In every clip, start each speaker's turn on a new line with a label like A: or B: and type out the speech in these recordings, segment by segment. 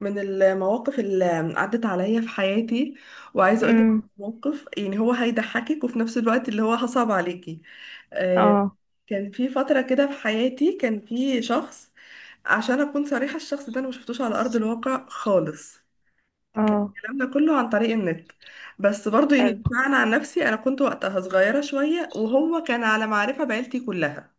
A: من المواقف اللي عدت عليا في حياتي، وعايزه اقول لك
B: امم.
A: موقف يعني هو هيضحكك وفي نفس الوقت اللي هو هصعب عليكي. آه،
B: اه،
A: كان في فتره كده في حياتي، كان في شخص، عشان اكون صريحه. الشخص ده انا ما شفتوش على ارض الواقع خالص.
B: اه.
A: الكلام ده كله عن طريق النت، بس برضو يعني
B: حلو.
A: بمعنى عن نفسي انا كنت وقتها صغيره شويه، وهو كان على معرفه بعيلتي كلها.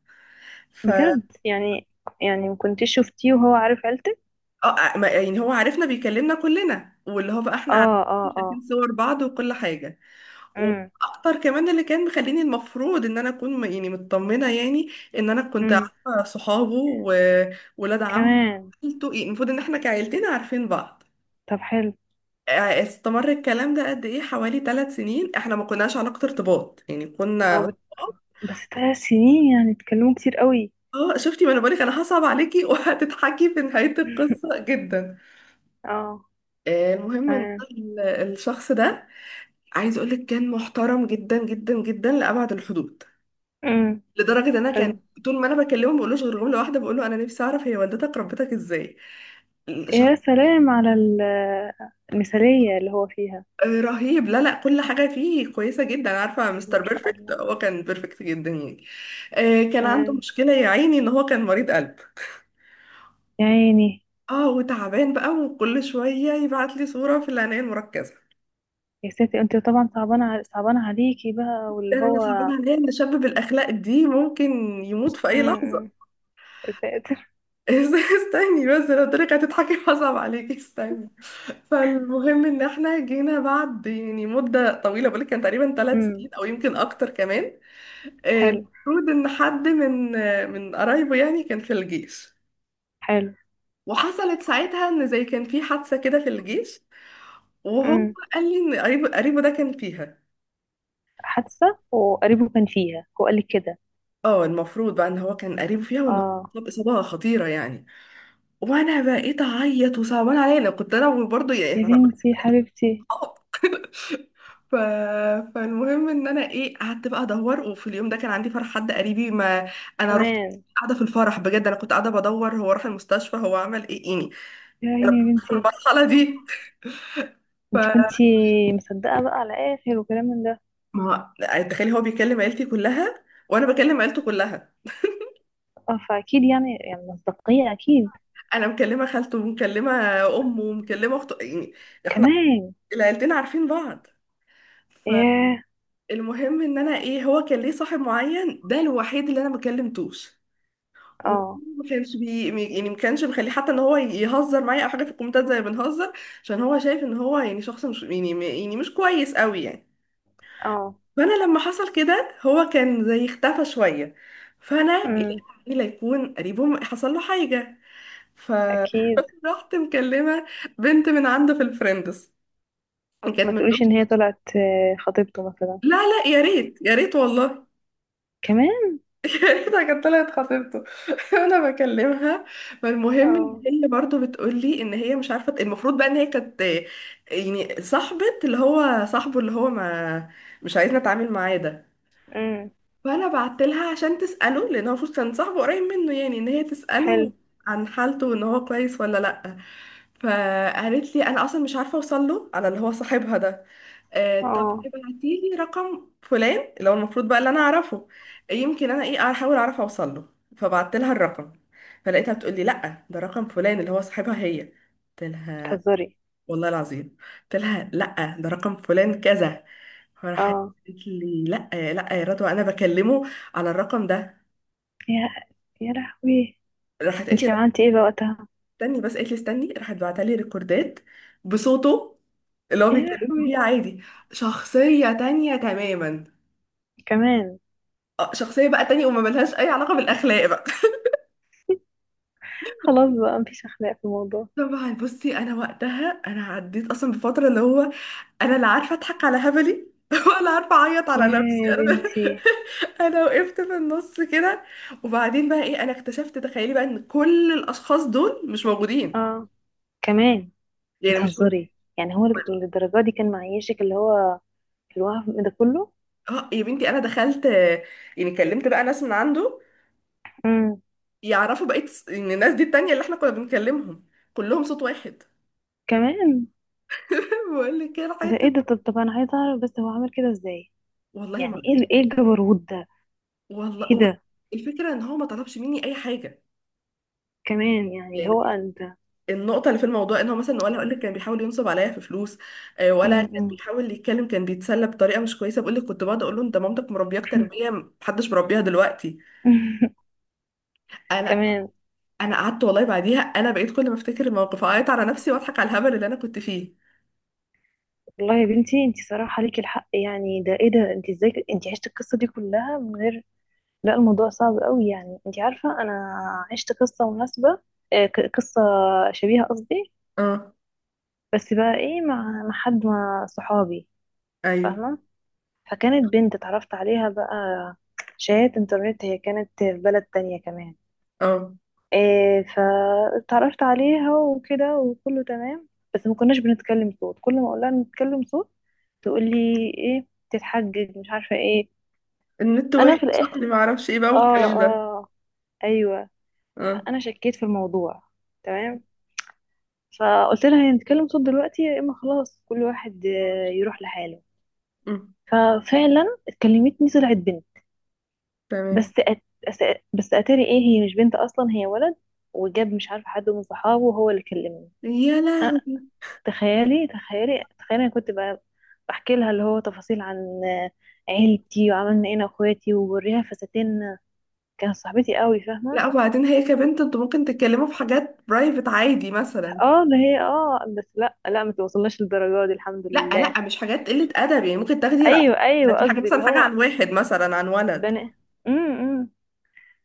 A: ف آه،
B: بجد، يعني ما كنتش شفتيه وهو عارف عيلتك؟
A: آه، ما- يعني هو عارفنا، بيكلمنا كلنا واللي هو بقى احنا عارفين،
B: اه، اه،
A: شايفين
B: اه.
A: صور بعض وكل حاجه.
B: امم،
A: واكتر كمان اللي كان مخليني، المفروض ان انا اكون يعني مطمنه يعني، ان انا كنت
B: امم.
A: عارفه صحابه وولاد عم
B: كمان.
A: عيلته، يعني المفروض ان احنا كعيلتنا عارفين بعض.
B: طب، حلو.
A: استمر الكلام ده قد ايه، حوالي 3 سنين. احنا ما كناش علاقه ارتباط يعني،
B: اه،
A: كنا.
B: بس 3 سنين يعني اتكلموا كتير قوي.
A: اه، شفتي؟ ما انا بقولك انا هصعب عليكي وهتضحكي في نهايه القصه جدا.
B: اه.
A: المهم ان
B: تمام.
A: الشخص ده، عايز اقولك، كان محترم جدا جدا جدا لابعد الحدود.
B: امم.
A: لدرجه ان انا
B: حلو.
A: كان طول ما انا بكلمه ما بقولوش غير جمله واحده، بقول له: انا نفسي اعرف هي والدتك ربتك ازاي؟
B: يا
A: شخص
B: سلام على المثالية اللي هو فيها.
A: رهيب، لا لا، كل حاجة فيه كويسة جدا، عارفة، مستر
B: ما شاء
A: بيرفكت،
B: الله.
A: هو كان بيرفكت جدا يعني. كان عنده
B: تمام.
A: مشكلة يا عيني، ان هو كان مريض قلب.
B: يا عيني.
A: اه، وتعبان بقى، وكل شوية يبعت لي صورة في العناية المركزة.
B: يا ستي، انت طبعا صعبانة عليكي بقى واللي
A: انا صعبان
B: هو.
A: عليا ان شاب بالاخلاق دي ممكن يموت في اي
B: امم، أمم.
A: لحظة.
B: يا ساتر.
A: استني بس، لو طريقة هتضحكي هصعب عليكي، استني. فالمهم ان احنا جينا بعد يعني مدة طويلة، بقولك كان تقريبا ثلاث
B: امم.
A: سنين او يمكن اكتر كمان.
B: حلو،
A: المفروض ان حد من من قرايبه يعني كان في الجيش.
B: حلو.
A: وحصلت ساعتها ان زي كان في حادثة كده في الجيش، وهو
B: امم.
A: قال لي ان قريبه ده كان فيها.
B: حادثة وقريبه كان فيها، هو قال لي كده.
A: اه، المفروض بقى ان هو كان قريبه فيها، وان هو
B: اه.
A: اتصاب اصابة خطيرة يعني. وانا بقيت اعيط، وصعبان عليا، انا كنت انا برضه
B: يا
A: يعني
B: بنتي حبيبتي.
A: اه. ف... فالمهم ان انا ايه قعدت بقى ادور، وفي اليوم ده كان عندي فرح حد قريبي، ما انا رحت.
B: كمان.
A: قاعده في الفرح بجد، انا كنت قاعده بدور هو راح المستشفى، هو عمل ايه يعني.
B: يا
A: انا
B: عيني. يا
A: كنت في
B: بنتي،
A: المرحله دي.
B: انت
A: فما
B: كنتي مصدقة بقى على اخر وكلام من ده.
A: يعني تخيلي، هو بيكلم عيلتي كلها، وانا بكلم عيلته كلها.
B: اه، فاكيد، يعني مصداقية اكيد.
A: انا مكلمه خالته، ومكلمه امه، ومكلمه اخته يعني،
B: كمان.
A: العيلتين عارفين بعض.
B: ياه.
A: فالمهم ان انا ايه، هو كان ليه صاحب معين، ده الوحيد اللي انا ما كلمتوش.
B: اه،
A: ما كانش يعني، ما كانش مخليه حتى ان هو يهزر معايا او حاجه في الكومنتات، زي ما بنهزر. عشان هو شايف ان هو يعني شخص مش يعني يعني مش كويس قوي يعني.
B: اه.
A: فانا لما حصل كده، هو كان زي اختفى شويه. فانا لقيت
B: امم.
A: عمي لا يكون قريبه حصل له حاجه،
B: اكيد.
A: فرحت مكلمه بنت من عنده في الفريندز،
B: ما
A: كانت
B: تقوليش ان هي طلعت خطيبته مثلا.
A: لا لا، يا ريت يا ريت والله،
B: كمان.
A: لقيتها كانت طلعت خطيبته وانا بكلمها. فالمهم ان
B: اه.
A: هي برضو بتقول لي ان هي مش عارفه. المفروض بقى ان هي كانت يعني صاحبه، اللي هو صاحبه اللي هو ما مش عايزنا اتعامل معاه ده.
B: امم.
A: فانا بعت لها عشان تساله، لان هو المفروض كان صاحبه قريب منه، يعني ان هي تساله
B: حلو.
A: عن حالته، وان هو كويس ولا لا. فقالت لي: انا اصلا مش عارفه اوصل له على اللي هو صاحبها ده. آه، طب
B: اه.
A: ابعتي لي رقم فلان اللي هو المفروض بقى اللي انا اعرفه، يمكن انا ايه احاول اعرف اوصل له. فبعت لها الرقم. فلقيتها بتقول لي: لا، ده رقم فلان اللي هو صاحبها هي. قلت لها:
B: بتهزري؟
A: والله العظيم قلت لها لا ده رقم فلان كذا. فراحت
B: اه.
A: قالت لي: لا لا يا رضوى، انا بكلمه على الرقم ده.
B: يا يا لهوي.
A: راحت قالت لي:
B: انت
A: "لا،
B: عملتي ايه بقى وقتها؟
A: استني بس". قالت لي استني، راحت بعتلي لي ريكوردات بصوته اللي هو
B: يا
A: بيتكلم
B: لهوي.
A: بيه عادي. شخصية تانية تماما.
B: كمان.
A: شخصية بقى تانية، وما ملهاش أي علاقة بالأخلاق بقى.
B: خلاص بقى، مفيش اخلاق في الموضوع.
A: طبعا، بصي، أنا وقتها أنا عديت أصلا بفترة اللي هو، انا لا عارفه اضحك على هبلي ولا عارفه اعيط على نفسي
B: يا
A: انا.
B: بنتي.
A: انا وقفت في النص كده، وبعدين بقى ايه، انا اكتشفت تخيلي بقى ان كل الاشخاص دول مش موجودين.
B: اه. كمان.
A: يعني مش.
B: بتهزري؟ يعني هو للدرجة دي كان معيشك، اللي هو، في الوقف ده كله؟
A: اه، يا بنتي، انا دخلت يعني كلمت بقى ناس من عنده
B: امم.
A: يعرفوا. بقيت ان الناس دي التانية اللي احنا كنا بنكلمهم كلهم صوت واحد.
B: كمان.
A: بقول لك كده
B: ده
A: حته.
B: ايه ده؟ طب انا عايزه اعرف، بس هو عامل كده ازاي؟
A: والله ما،
B: يعني ايه ايه الجبروت ده؟ ايه
A: والله،
B: ده؟
A: الفكره ان هو ما طلبش مني اي حاجه
B: كمان، يعني اللي هو
A: يعني.
B: انت.
A: النقطة اللي في الموضوع ان هو مثلا، ولا اقول لك، كان بيحاول ينصب عليا في فلوس. ولا كان
B: امم.
A: بيحاول يتكلم، كان بيتسلى بطريقة مش كويسة. بقول لك كنت بقعد اقول له: انت مامتك مربياك تربية محدش مربيها دلوقتي. انا
B: كمان.
A: انا قعدت والله بعديها، انا بقيت كل ما افتكر الموقف اعيط على نفسي واضحك على الهبل اللي انا كنت فيه.
B: والله يا بنتي، انت صراحه ليكي الحق، يعني ده ايه ده؟ انت ازاي؟ انت عشتي القصه دي كلها من غير. لا، الموضوع صعب قوي، يعني انت عارفة انا عشت قصة مناسبة، قصة شبيهة قصدي.
A: اه،
B: بس بقى ايه، مع حد، مع صحابي.
A: ايوه،
B: فاهمة؟ فكانت بنت اتعرفت عليها بقى، شات انترنت، هي كانت في بلد تانية كمان.
A: اه.
B: إيه، فاتعرفت عليها وكده وكله تمام. بس ما كناش بنتكلم صوت، كل ما اقولها نتكلم صوت تقول لي ايه، تتحجج مش عارفة ايه.
A: النت
B: انا
A: وحش
B: في
A: اصلي،
B: الاخر.
A: ما اعرفش ايه بقى
B: اه،
A: والكلام ده.
B: اه. ايوه.
A: اه.
B: فانا شكيت في الموضوع. تمام. فقلت لها هنتكلم صوت دلوقتي، يا اما خلاص كل واحد يروح لحاله.
A: أمم،
B: ففعلا اتكلمتني، طلعت بنت.
A: تمام.
B: بس أت... بس اتاري ايه، هي مش بنت اصلا، هي ولد. وجاب مش عارفه حد من صحابه، وهو اللي كلمني.
A: يا
B: أنا
A: لهوي.
B: تخيلي، تخيلي، تخيلي، انا كنت بقى بحكي لها اللي هو تفاصيل عن آه، عيلتي وعملنا ايه انا واخواتي، وبوريها فساتين. كانت صاحبتي قوي، فاهمه؟
A: لا، وبعدين هي كبنت انتوا ممكن تتكلموا في حاجات برايفت عادي مثلا.
B: اه ده هي، اه، بس لا، لا، ما توصلناش للدرجه دي الحمد
A: لا
B: لله.
A: لا، مش حاجات قلة أدب يعني، ممكن تاخدي رأي
B: ايوه، ايوه،
A: في حاجة،
B: قصدي اللي
A: مثلا حاجة
B: هو.
A: عن واحد، مثلا عن ولد.
B: بني. امم، إمم.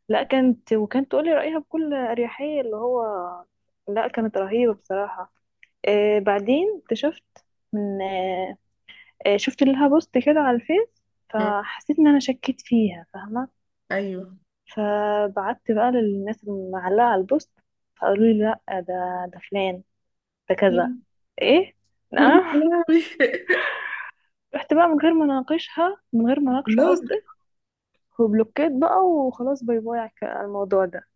B: لا، كانت تقولي رأيها بكل أريحية، اللي هو. لا، كانت رهيبة بصراحة. بعدين اكتشفت من آه آه، شفت لها بوست كده على الفيس.
A: مم.
B: فحسيت ان انا شكيت فيها، فاهمة؟
A: أيوه.
B: فبعت بقى للناس اللي معلقة على البوست. فقالوا لي لا، ده فلان، ده كذا.
A: يا
B: ايه، نعم.
A: لهوي.
B: رحت بقى من غير ما اناقشها، من غير ما اناقشه
A: لا.
B: قصدي. وبلوكيت بقى وخلاص، باي باي على على الموضوع ده.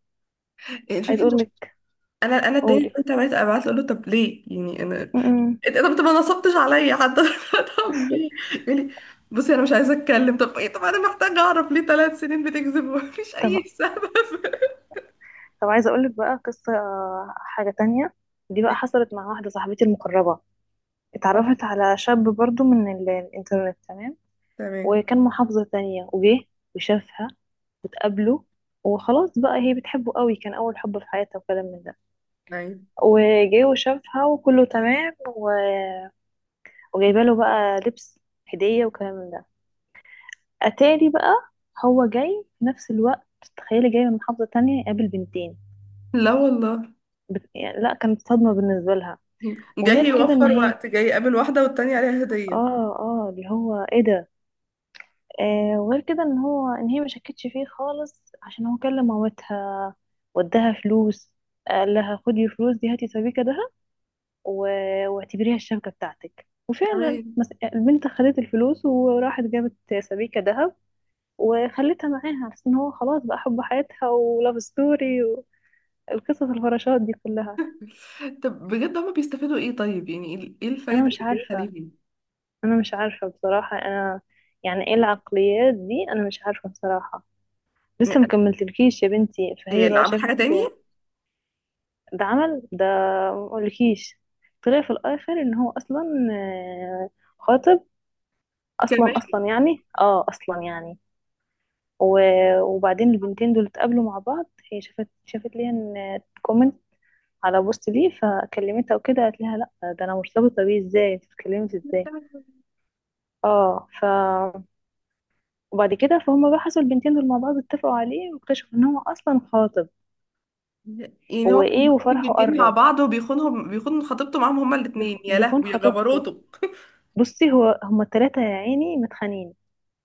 B: عايز
A: الفكرة،
B: اقول لك.
A: أنا التاني
B: قولي.
A: كنت عملت أبعت له أقول له: طب ليه يعني أنا؟
B: م-م.
A: إيه ده، طب أنت ما نصبتش عليا حتى؟ طب ليه يقول لي: بصي، أنا مش عايزة أتكلم. طب إيه؟ طب أنا محتاجة أعرف، ليه 3 سنين بتكذب ومفيش أي
B: طب
A: سبب؟
B: طب عايزه اقول لك بقى قصه، حاجه تانية. دي بقى حصلت مع واحده صاحبتي المقربه. اتعرفت على شاب برضو من الانترنت، تمام.
A: تمام.
B: وكان محافظه تانية، وجه وشافها وتقابله. وخلاص بقى، هي بتحبه قوي، كان اول حب في حياتها وكلام من ده.
A: أيوه.
B: وجه وشافها وكله تمام و... وجايبه له بقى لبس، هديه وكلام من ده. اتاري بقى، هو جاي في نفس الوقت. تخيلي، جاي من محافظه تانية يقابل بنتين.
A: لا والله،
B: بس يعني لا، كانت صدمة بالنسبة لها.
A: جاي
B: وغير كده ان
A: يوفر
B: هي،
A: وقت، جاي يقابل واحدة والتانية عليها هدية.
B: اه، اه، اللي هو ايه ده؟ وغير كده ان هو، ان هي ما شكتش فيه خالص، عشان هو كلم مامتها وداها فلوس. قال لها خدي الفلوس دي هاتي سبيكة دهب، واعتبريها الشبكة بتاعتك. وفعلا
A: تمام.
B: البنت خدت الفلوس وراحت جابت سبيكة دهب. وخلتها معاها على أساس ان هو خلاص بقى حب حياتها ولاف ستوري، والقصص الفراشات دي كلها.
A: طب بجد هما بيستفادوا ايه طيب؟ يعني ايه، إيه الفايدة
B: انا مش
A: اللي جاية
B: عارفة.
A: عليهم؟
B: انا مش عارفه بصراحه انا. يعني ايه العقليات دي، انا مش عارفه بصراحه. لسه
A: يعني
B: مكملتلكيش يا بنتي،
A: هي
B: فهي
A: اللي
B: بقى
A: عمل
B: شافت.
A: حاجة تانية؟
B: ده عمل ده، مقولكيش. طلع في الاخر ان هو اصلا، آه، خاطب اصلا
A: كمان.
B: اصلا يعني، اصلا يعني. وبعدين البنتين دول اتقابلوا مع بعض. هي شافت ليها ان كومنت على بوست ليه، فكلمتها وكده قالت لها لا، ده انا مرتبطه بيه، ازاي انت بتتكلمي ازاي؟ اه، وبعد كده فهم بقى، حصل البنتين دول مع بعض، اتفقوا عليه واكتشفوا ان هو اصلا خاطب.
A: يعني هو كان
B: وايه،
A: بيخون
B: وفرحه
A: البنتين مع
B: قرب.
A: بعض، وبيخونهم، بيخون خطيبته معاهم هما الاتنين. يا
B: بيخون
A: لهوي يا
B: خطيبته.
A: جبروته.
B: بصي هو هما التلاتة يا عيني متخانقين.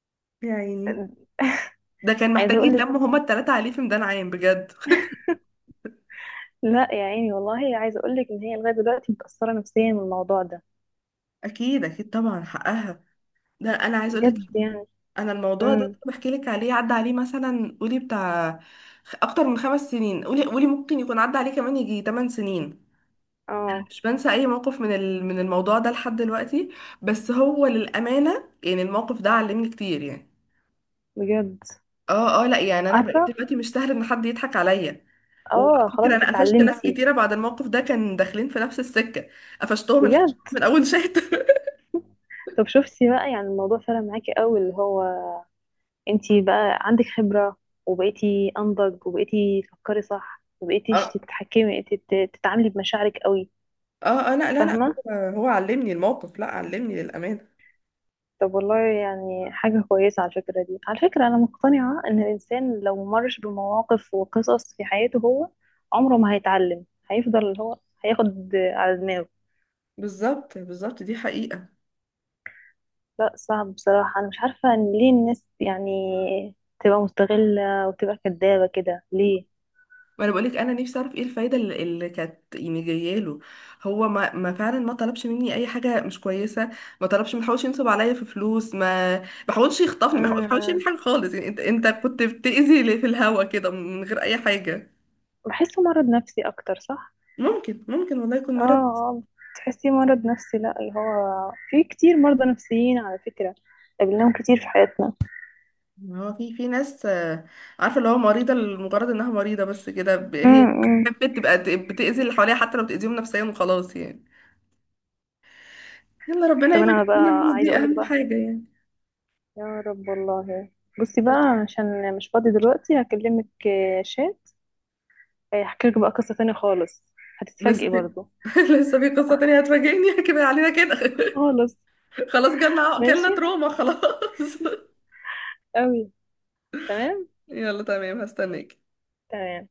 A: يا عيني. ده كان
B: عايزه
A: محتاج
B: اقول لك.
A: يتلموا هما التلاتة عليه في ميدان عام بجد.
B: لا، يا عيني، والله عايزه اقول لك ان هي لغايه دلوقتي متاثره نفسيا من الموضوع ده.
A: اكيد اكيد طبعا حقها. ده انا عايز اقول لك،
B: بجد يعني.
A: انا الموضوع ده
B: امم.
A: بحكي لك عليه عدى عليه مثلا، قولي بتاع اكتر من 5 سنين، قولي قولي ممكن يكون عدى عليه كمان يجي 8 سنين.
B: اه.
A: مش بنسى اي موقف من من الموضوع ده لحد دلوقتي. بس هو للامانه يعني، الموقف ده علمني كتير يعني.
B: بجد.
A: اه اه، لا يعني، انا بقيت
B: عارفه.
A: دلوقتي مش سهل ان حد يضحك عليا.
B: اه.
A: وعلى فكره،
B: خلاص،
A: انا قفشت ناس
B: اتعلمتي.
A: كتيره بعد الموقف ده كان داخلين في نفس السكه. قفشتهم الحش
B: بجد.
A: من اول شات.
B: طب شفتي بقى، يعني الموضوع فرق معاكي قوي اللي هو، انتي بقى عندك خبرة، وبقيتي انضج وبقيتي تفكري صح وبقيتيش
A: اه
B: تتحكمي، تتعاملي بمشاعرك قوي.
A: اه. لا لا لا،
B: فاهمة؟
A: هو هو علمني الموقف، لا علمني للامانه.
B: طب والله يعني حاجة كويسة. على الفكرة دي، على فكرة أنا مقتنعة إن الإنسان لو مرش بمواقف وقصص في حياته، هو عمره ما هيتعلم، هيفضل اللي هو هياخد على دماغه.
A: بالظبط بالظبط، دي حقيقه.
B: لا، صعب بصراحة، أنا مش عارفة إن ليه الناس يعني تبقى مستغلة وتبقى كدابة كده ليه؟
A: ما انا بقولك، انا نفسي اعرف ايه الفايده اللي كانت يعني جايه له. هو ما فعلا ما طلبش مني اي حاجه مش كويسه. ما طلبش، ما حاولش ينصب عليا في فلوس، ما حاولش يخطفني، ما حاولش يعمل
B: أمم.
A: حاجه خالص يعني. انت كنت بتاذي لي في الهوا كده من غير اي حاجه.
B: بحسه مرض نفسي أكتر، صح؟
A: ممكن ممكن، والله يكون
B: اه،
A: مرض.
B: تحسيه مرض نفسي، لا اللي هو في كتير مرضى نفسيين على فكرة، قابلناهم كتير في حياتنا.
A: هو في في ناس عارفه اللي هو مريضه لمجرد انها مريضه بس كده، هي
B: امم.
A: بتبقى بتاذي اللي حواليها، حتى لو بتاذيهم نفسيا، وخلاص يعني. يلا، ربنا
B: طب
A: يبعد
B: انا
A: عننا
B: بقى
A: الناس
B: عايزة
A: دي،
B: اقولك
A: اهم
B: بقى.
A: حاجه يعني.
B: يا رب والله. بصي بقى. عشان مش فاضي دلوقتي هكلمك، شات. هحكي لك بقى قصة تانية خالص.
A: بس
B: هتتفاجئي برضو.
A: لسه في قصة تانية هتفاجئني؟ كفاية علينا كده.
B: خالص.
A: خلاص، جالنا جالنا
B: ماشي.
A: تروما، خلاص.
B: قوي. تمام.
A: يلا تمام، هستناك.
B: تمام.